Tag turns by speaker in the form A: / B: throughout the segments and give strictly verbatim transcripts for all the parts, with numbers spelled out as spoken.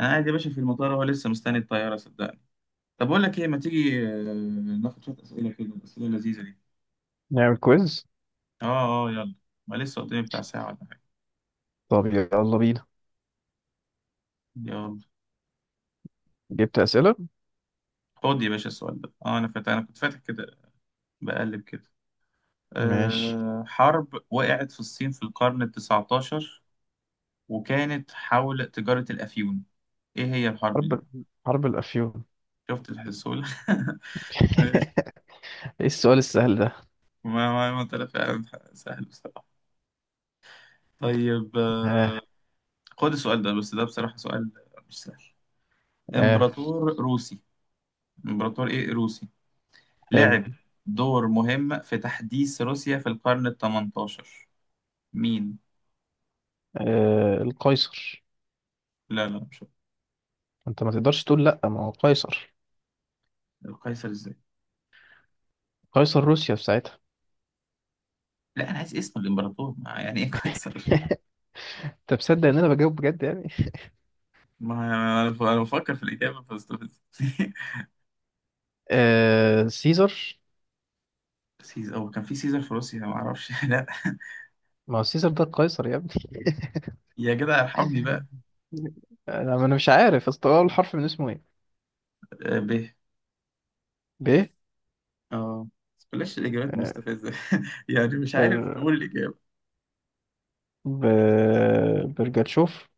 A: انا قاعد يا باشا في المطار، اهو لسه مستني الطياره، صدقني. طب اقول لك ايه، ما تيجي آه، ناخد شويه اسئله كده، الاسئله اللذيذه دي.
B: نعمل كويز.
A: اه، اه يلا. ما لسه قدامي بتاع ساعه ولا حاجه.
B: طب يلا بينا.
A: يلا.
B: جبت أسئلة.
A: خد يا باشا السؤال ده. اه، انا فاتح انا كنت فاتح كده، بقلب كده.
B: ماشي.
A: أه حرب وقعت في الصين في القرن ال التسعتاشر وكانت حول تجاره الافيون، ايه هي الحرب دي؟
B: حرب، حرب الأفيون.
A: شفت الحسول ماشي.
B: ايه السؤال السهل ده؟
A: ما ما ما طلع فعلا سهل بصراحه. طيب آه،
B: اه.
A: خد السؤال ده، بس ده بصراحه سؤال مش سهل.
B: اه.
A: امبراطور روسي، امبراطور ايه روسي
B: حلو.
A: لعب دور مهم في تحديث روسيا في القرن ال التمنتاشر. مين؟
B: آه القيصر.
A: لا لا مش هو.
B: انت ما تقدرش تقول لا، ما هو قيصر.
A: القيصر ازاي؟
B: قيصر روسيا في ساعتها.
A: لا، انا عايز اسم الامبراطور، ما يعني ايه قيصر.
B: انت مصدق ان انا بجاوب بجد يعني؟
A: ما انا أنا بفكر في الاجابه فاستفز
B: آه سيزر.
A: سيزر؟ هو كان في سيزر في روسيا؟ ما اعرفش لا.
B: ما هو سيزر ده القيصر يا ابني.
A: يا جدع ارحمني بقى.
B: انا، ما انا مش عارف، اصل هو الحرف من اسمه ايه؟
A: آه، ب.
B: ب.
A: اه، بس بلاش الاجابات
B: آه،
A: مستفزه يعني مش عارف
B: بر،
A: نقول الاجابه.
B: ب، برجاتشوف.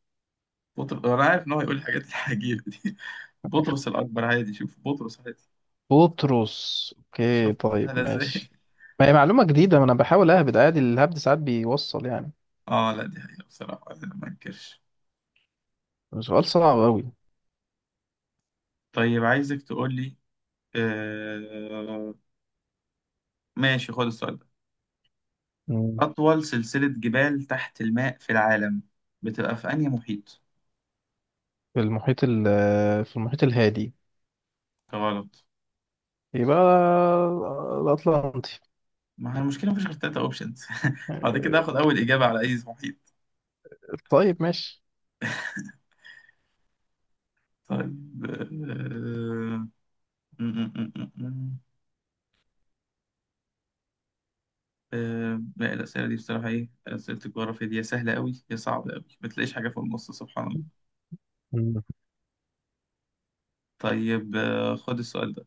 A: بطر... انا عارف ان هو هيقول الحاجات العجيبه دي بطرس الاكبر عادي. شوف بطرس.
B: بطرس، اوكي
A: شوف
B: طيب
A: سهلة ازاي
B: ماشي. ما هي معلومة جديدة، ما انا بحاول اهبد عادي، الهبد ساعات بيوصل يعني.
A: اه، لا دي حقيقة بصراحة أنا ما انكرش.
B: سؤال صعب قوي.
A: طيب عايزك تقول لي. آه... ماشي، خد السؤال ده. أطول سلسلة جبال تحت الماء في العالم بتبقى في أنهي محيط؟
B: في المحيط ال، في المحيط الهادي.
A: غلط.
B: يبقى الأطلنطي.
A: ما هي المشكلة مفيش غير تلاتة أوبشنز بعد كده
B: آه،
A: هاخد أول إجابة على أي محيط.
B: طيب ماشي.
A: طيب. آه... م- م- م- م- م. آه... لا الأسئلة دي بصراحة، إيه أسئلة الجغرافيا دي، يا سهلة أوي يا صعبة أوي، ما تلاقيش حاجة في النص، سبحان الله.
B: مم.
A: طيب آه... خد السؤال ده،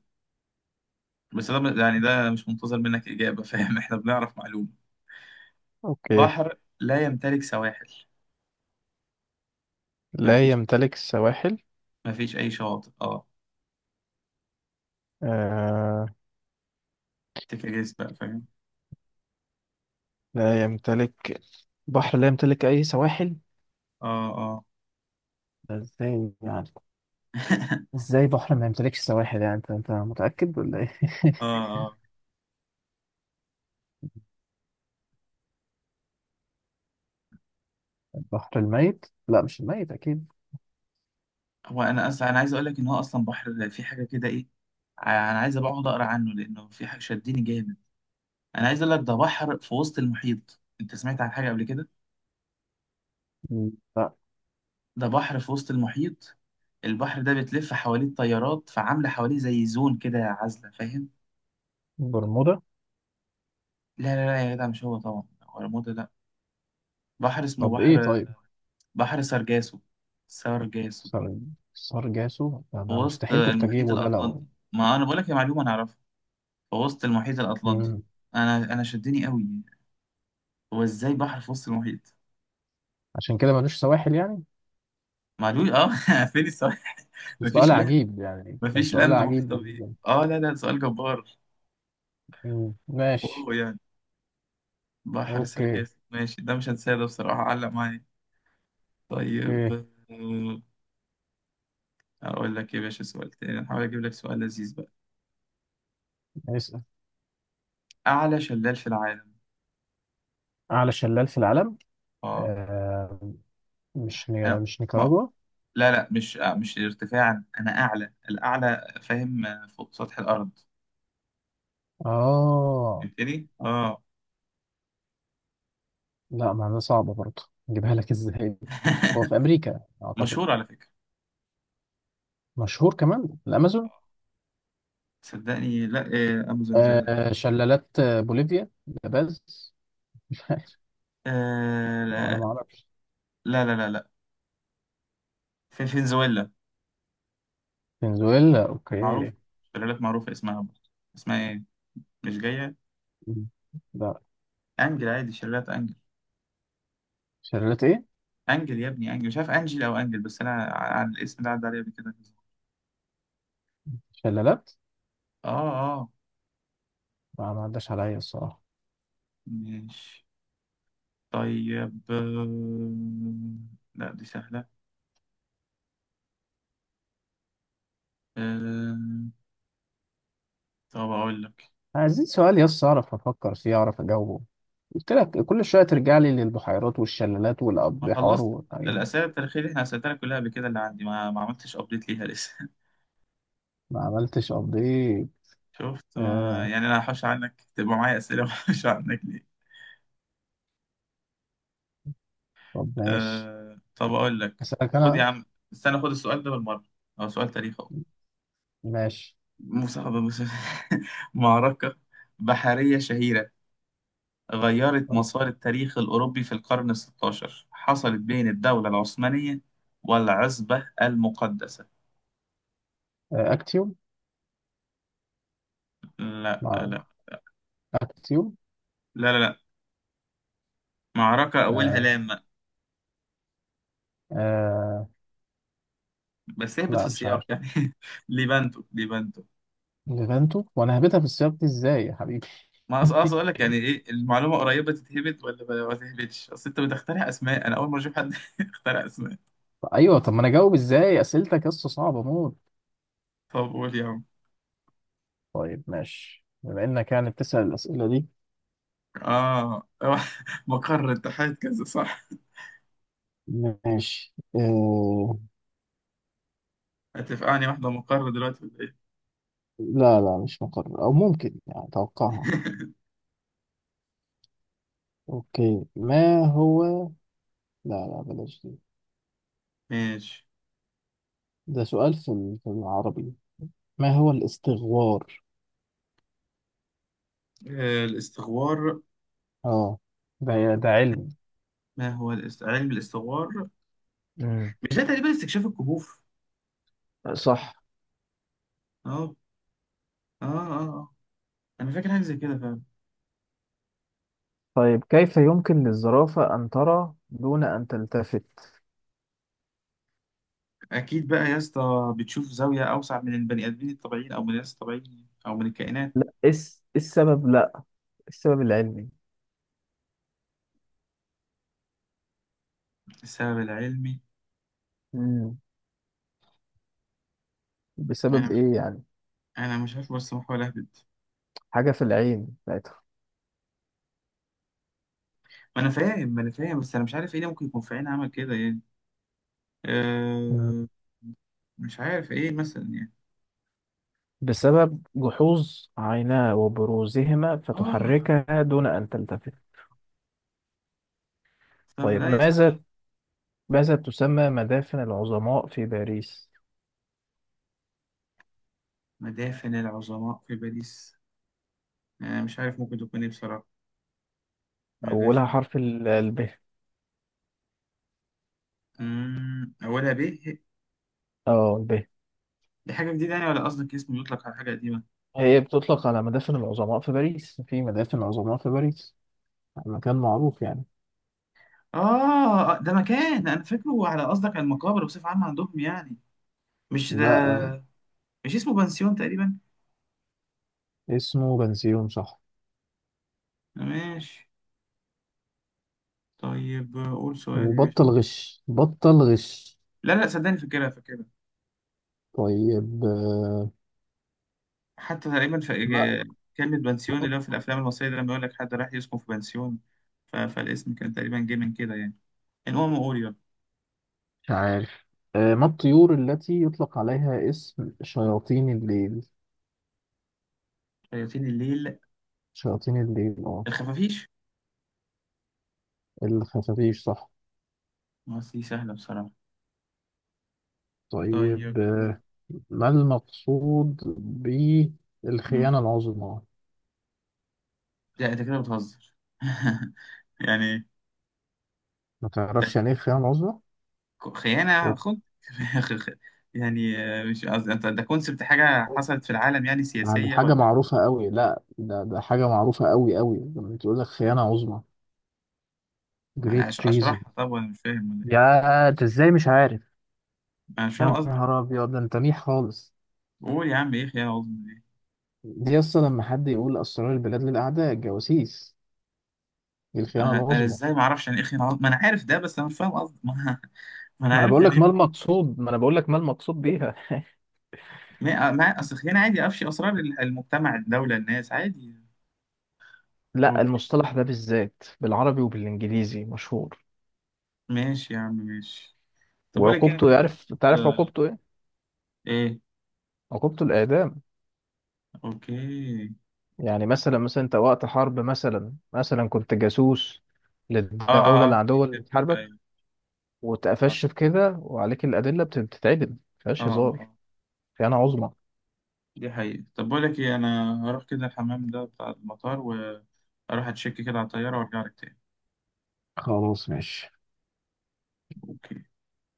A: بس ده يعني ده مش منتظر منك إجابة، فاهم، إحنا بنعرف معلومة.
B: اوكي.
A: بحر لا يمتلك سواحل.
B: لا
A: مفيش
B: يمتلك السواحل.
A: مفيش أي شاطئ. أه.
B: آه
A: تكريس بقى فاهم.
B: لا يمتلك، بحر لا يمتلك اي سواحل.
A: أه، أه
B: ده ازاي يعني؟ ازاي بحر ما يمتلكش سواحل يعني؟ انت انت متأكد ولا ايه؟
A: أه، أه.
B: البحر الميت. لا مش الميت اكيد.
A: هو أنا أصلا، أنا عايز أقول لك إن هو أصلا بحر في حاجة كده إيه. أنا عايز أبقى أقعد أقرأ عنه لأنه في حاجة شدني جامد. أنا عايز أقول لك، ده بحر في وسط المحيط. أنت سمعت عن حاجة قبل كده؟
B: لا
A: ده بحر في وسط المحيط. البحر ده بتلف حواليه التيارات، فعاملة حواليه زي زون كده عازلة، فاهم.
B: برمودا.
A: لا لا لا يا جدع، مش هو طبعا، ولا مود. بحر اسمه
B: طب
A: بحر.
B: ايه طيب؟
A: بحر سرجاسو. سرجاسو.
B: سر... سرجاسو ده،
A: في
B: ده
A: وسط
B: مستحيل كنت
A: المحيط
B: اجيبه ده
A: الأطلنطي.
B: لو.
A: ما أنا بقول لك، يا معلومة أنا أعرفها. في وسط المحيط الأطلنطي.
B: مم.
A: أنا أنا شدني قوي. هو إزاي بحر في وسط المحيط؟
B: عشان كده ملوش سواحل يعني.
A: معلوم أه فين السؤال؟
B: بس
A: مفيش
B: سؤال
A: لاند.
B: عجيب يعني، كان
A: مفيش
B: سؤال
A: لاند
B: عجيب
A: محيط
B: بالنسبة
A: بيه
B: لي.
A: أه. لا لا، سؤال جبار.
B: مم. ماشي.
A: واو يعني. بحر
B: اوكي.
A: سرجاسو، ماشي، ده مش هنساه، ده بصراحة علق معايا. طيب
B: اوكي.
A: آه، أقول لك إيه يا باشا، سؤال تاني أحاول أجيب لك سؤال لذيذ بقى.
B: اسأل.
A: أعلى شلال في العالم.
B: اعلى شلال في العالم.
A: أه.
B: آه... مش
A: أنا-
B: ني... مش نيكاراجوا.
A: لا لا مش آه، مش ارتفاعا انا، اعلى الاعلى، فاهم، آه، فوق سطح الارض.
B: اه.
A: فهمتني اه
B: لا معناها صعبة برضه، نجيبها لك ازاي؟ هو في امريكا اعتقد.
A: مشهور على فكره.
B: مشهور كمان الامازون.
A: صدقني لا، آه، امازون زي، لا.
B: آه... شلالات، آه، بوليفيا لاباز.
A: آه،
B: انا
A: لا
B: ما اعرفش.
A: لا لا لا لا. في فنزويلا.
B: فنزويلا
A: معروف.
B: اوكي.
A: شلالات معروفه اسمها برضه. اسمها ايه، مش جايه.
B: مم. لا.
A: انجل عادي، شلالات انجل.
B: شلالات ايه؟
A: انجل يا ابني، انجل، مش عارف انجل او انجل. بس انا ع- عن الاسم ده عدى عليا قبل كده.
B: شلالات.
A: اه، اه
B: لا، ما عداش عليا الصراحه.
A: ماشي. طيب آه، لا دي سهله. آه. طب أقول لك.
B: عايزين سؤال يس اعرف افكر فيه، اعرف اجاوبه. قلت لك كل شويه ترجع لي للبحيرات والشلالات
A: ما
B: والابحار
A: خلصت
B: والحاجات.
A: الأسئلة التاريخية اللي إحنا أسئلتها لك كلها قبل كده، اللي عندي ما, ما عملتش أبديت ليها لسه
B: ما عملتش ابديت.
A: شفت ما...
B: آه.
A: يعني أنا هحوش عنك تبقى معايا أسئلة وهحوش عنك ليه.
B: طب ماشي.
A: أه... طب أقول لك.
B: اسالك
A: خد يا
B: انا.
A: عم، استنى، خد السؤال ده بالمرة. هو سؤال تاريخ أهو.
B: ماشي.
A: مسابقة مسابقة معركة بحرية شهيرة غيرت
B: طب،
A: مسار التاريخ الأوروبي في القرن الستاشر، حصلت بين الدولة العثمانية والعزبة المقدسة.
B: آه. اكتيوم.
A: لا لا
B: ما
A: لا
B: اكتيوم.
A: لا لا، معركة أولها
B: آه.
A: لام.
B: آه.
A: بس اهبط في
B: لا مش
A: السياق
B: عارف.
A: يعني ليبانتو، ليبانتو.
B: ليفانتو، وانا هبتها في السياق دي ازاي يا حبيبي؟
A: ما أص- اقصد اقول لك يعني ايه، المعلومه قريبه تتهبط ولا ما ما تتهبطش، اصل انت بتخترع اسماء، انا اول مره اشوف حد يخترع اسماء.
B: ايوه، طب ما انا اجاوب ازاي اسئلتك يا اسطى؟ صعبه موت.
A: طب قول يا عم
B: طيب ماشي، بما انك يعني بتسال الاسئله دي.
A: اه مقر اتحاد كذا صح؟
B: ماشي إيه...
A: هتفقعني واحده مقر دلوقتي ولا ايه
B: لا لا مش مقرر، او ممكن يعني اتوقعها. اوكي، ما هو، لا لا بلاش دي.
A: ماشي.
B: ده سؤال في ال- في العربي. ما هو الاستغوار؟
A: آه، الاستغوار.
B: اه. ده، ده علم.
A: ما هو الاست... علم الاستغوار.
B: مم.
A: مش ده تقريبا استكشاف الكهوف؟
B: صح.
A: اه، اه اه آه. انا فاكر حاجه زي كده.
B: طيب، كيف يمكن للزرافة أن ترى دون أن تلتفت؟
A: اكيد بقى يا اسطى بتشوف زاويه اوسع من البني ادمين الطبيعيين او من الناس الطبيعيين او من الكائنات.
B: لا، إيه الس- إيه السبب؟ لا، السبب العلمي.
A: السبب العلمي؟
B: مم.
A: انا
B: بسبب
A: مش
B: إيه يعني؟
A: انا مش عارف، بس بحاول اهبد.
B: حاجة في العين بتاعتها.
A: ما انا فاهم ما انا فاهم، بس انا مش عارف ايه اللي ممكن يكون في عين عمل كده يعني.
B: مم.
A: أه. مش عارف ايه مثلا يعني.
B: بسبب جحوظ عيناه وبروزهما
A: اه،
B: فتحركها دون أن تلتفت.
A: صح،
B: طيب
A: لا يا سهله.
B: ماذا، ماذا تسمى مدافن العظماء في باريس؟
A: مدافن العظماء في باريس، انا مش عارف ممكن تكون ايه بصراحه.
B: أولها
A: مدافن.
B: حرف ال ال ب.
A: امم اولها ب.
B: اه ال ب.
A: دي حاجه جديده يعني ولا قصدك اسم يطلق على حاجه قديمه.
B: هي بتطلق على مدافن العظماء في باريس، في مدافن عظماء في باريس، مكان معروف يعني.
A: اه، آه، ده مكان انا فاكره، على قصدك على المقابر بصفة عامة عندهم يعني. مش ده.
B: لا،
A: مش اسمه بنسيون تقريبا؟
B: اسمه بنسيون صح.
A: ماشي. طيب قول سؤال يا باشا.
B: وبطل غش، بطل غش.
A: لا لا صدقني فاكرها فاكرها.
B: طيب، آه،
A: حتى تقريبا في
B: ما
A: إج- كلمة بنسيون اللي هو في الأفلام المصرية، ده لما يقول لك حد راح يسكن في بنسيون. ف... فالاسم كان تقريبا جه من كده يعني. المهم قول يلا.
B: مش عارف. آه، ما الطيور التي يطلق عليها اسم شياطين الليل؟
A: شياطين الليل.
B: شياطين الليل اه.
A: الخفافيش.
B: الخفافيش صح.
A: ما دي سهلة بصراحة. طيب.
B: طيب، آه، ما المقصود
A: مم.
B: بالخيانة العظمى؟
A: لا أنت كده بتهزر يعني.
B: ما تعرفش يعني ايه الخيانة العظمى؟
A: خيانة
B: أوف.
A: خد يعني آه، مش قصدي انت، ده كونسبت حاجة حصلت في العالم يعني
B: يعني
A: سياسية
B: حاجة
A: ولا.
B: معروفة قوي، لا ده، ده حاجة معروفة قوي قوي، لما تقول لك خيانة عظمى. Great
A: أش-
B: treason.
A: اشرحها طب، ولا مش فاهم ولا ايه.
B: يا انت ازاي مش عارف؟
A: انا مش فاهم
B: يا
A: قصدك.
B: نهار ابيض، ده انت ميح خالص.
A: قول يا عم، ايه خيانة عظمى دي.
B: دي اصلا لما حد يقول اسرار البلاد للاعداء، الجواسيس، دي الخيانة
A: انا انا
B: العظمى.
A: ازاي ما اعرفش يعني ايه خيانة عظمى، ما انا عارف ده، بس انا مش فاهم قصدك. ما, ما انا
B: ما انا
A: عارف
B: بقول
A: يعني
B: لك ما
A: ايه.
B: المقصود، ما انا بقول لك ما المقصود بيها.
A: ما ما- اصل خيانة عادي افشي اسرار ال- المجتمع الدولة الناس عادي.
B: لا،
A: اوكي
B: المصطلح ده بالذات بالعربي وبالانجليزي مشهور.
A: ماشي يا عم ماشي. طب اقول لك إيه، انا
B: وعقوبته،
A: شايف.
B: يعرف، تعرف عقوبته ايه؟
A: ايه؟
B: عقوبته الاعدام.
A: اوكي.
B: يعني مثلا، مثلا انت وقت حرب، مثلا مثلا كنت جاسوس
A: اه
B: للدولة
A: اه اه في
B: العدوة اللي
A: فيلم.
B: بتحاربك،
A: ايوه. اه،
B: واتقفشت في كده وعليك الأدلة، بت- بتتعدم
A: اه
B: مفيهاش هزار.
A: آه.
B: خيانة عظمى.
A: دي حقيقة. طب بقول لك ايه، انا هروح كده الحمام ده بتاع المطار واروح اتشيك كده على الطيارة وارجع لك تاني.
B: خلاص ماشي.
A: اوكي.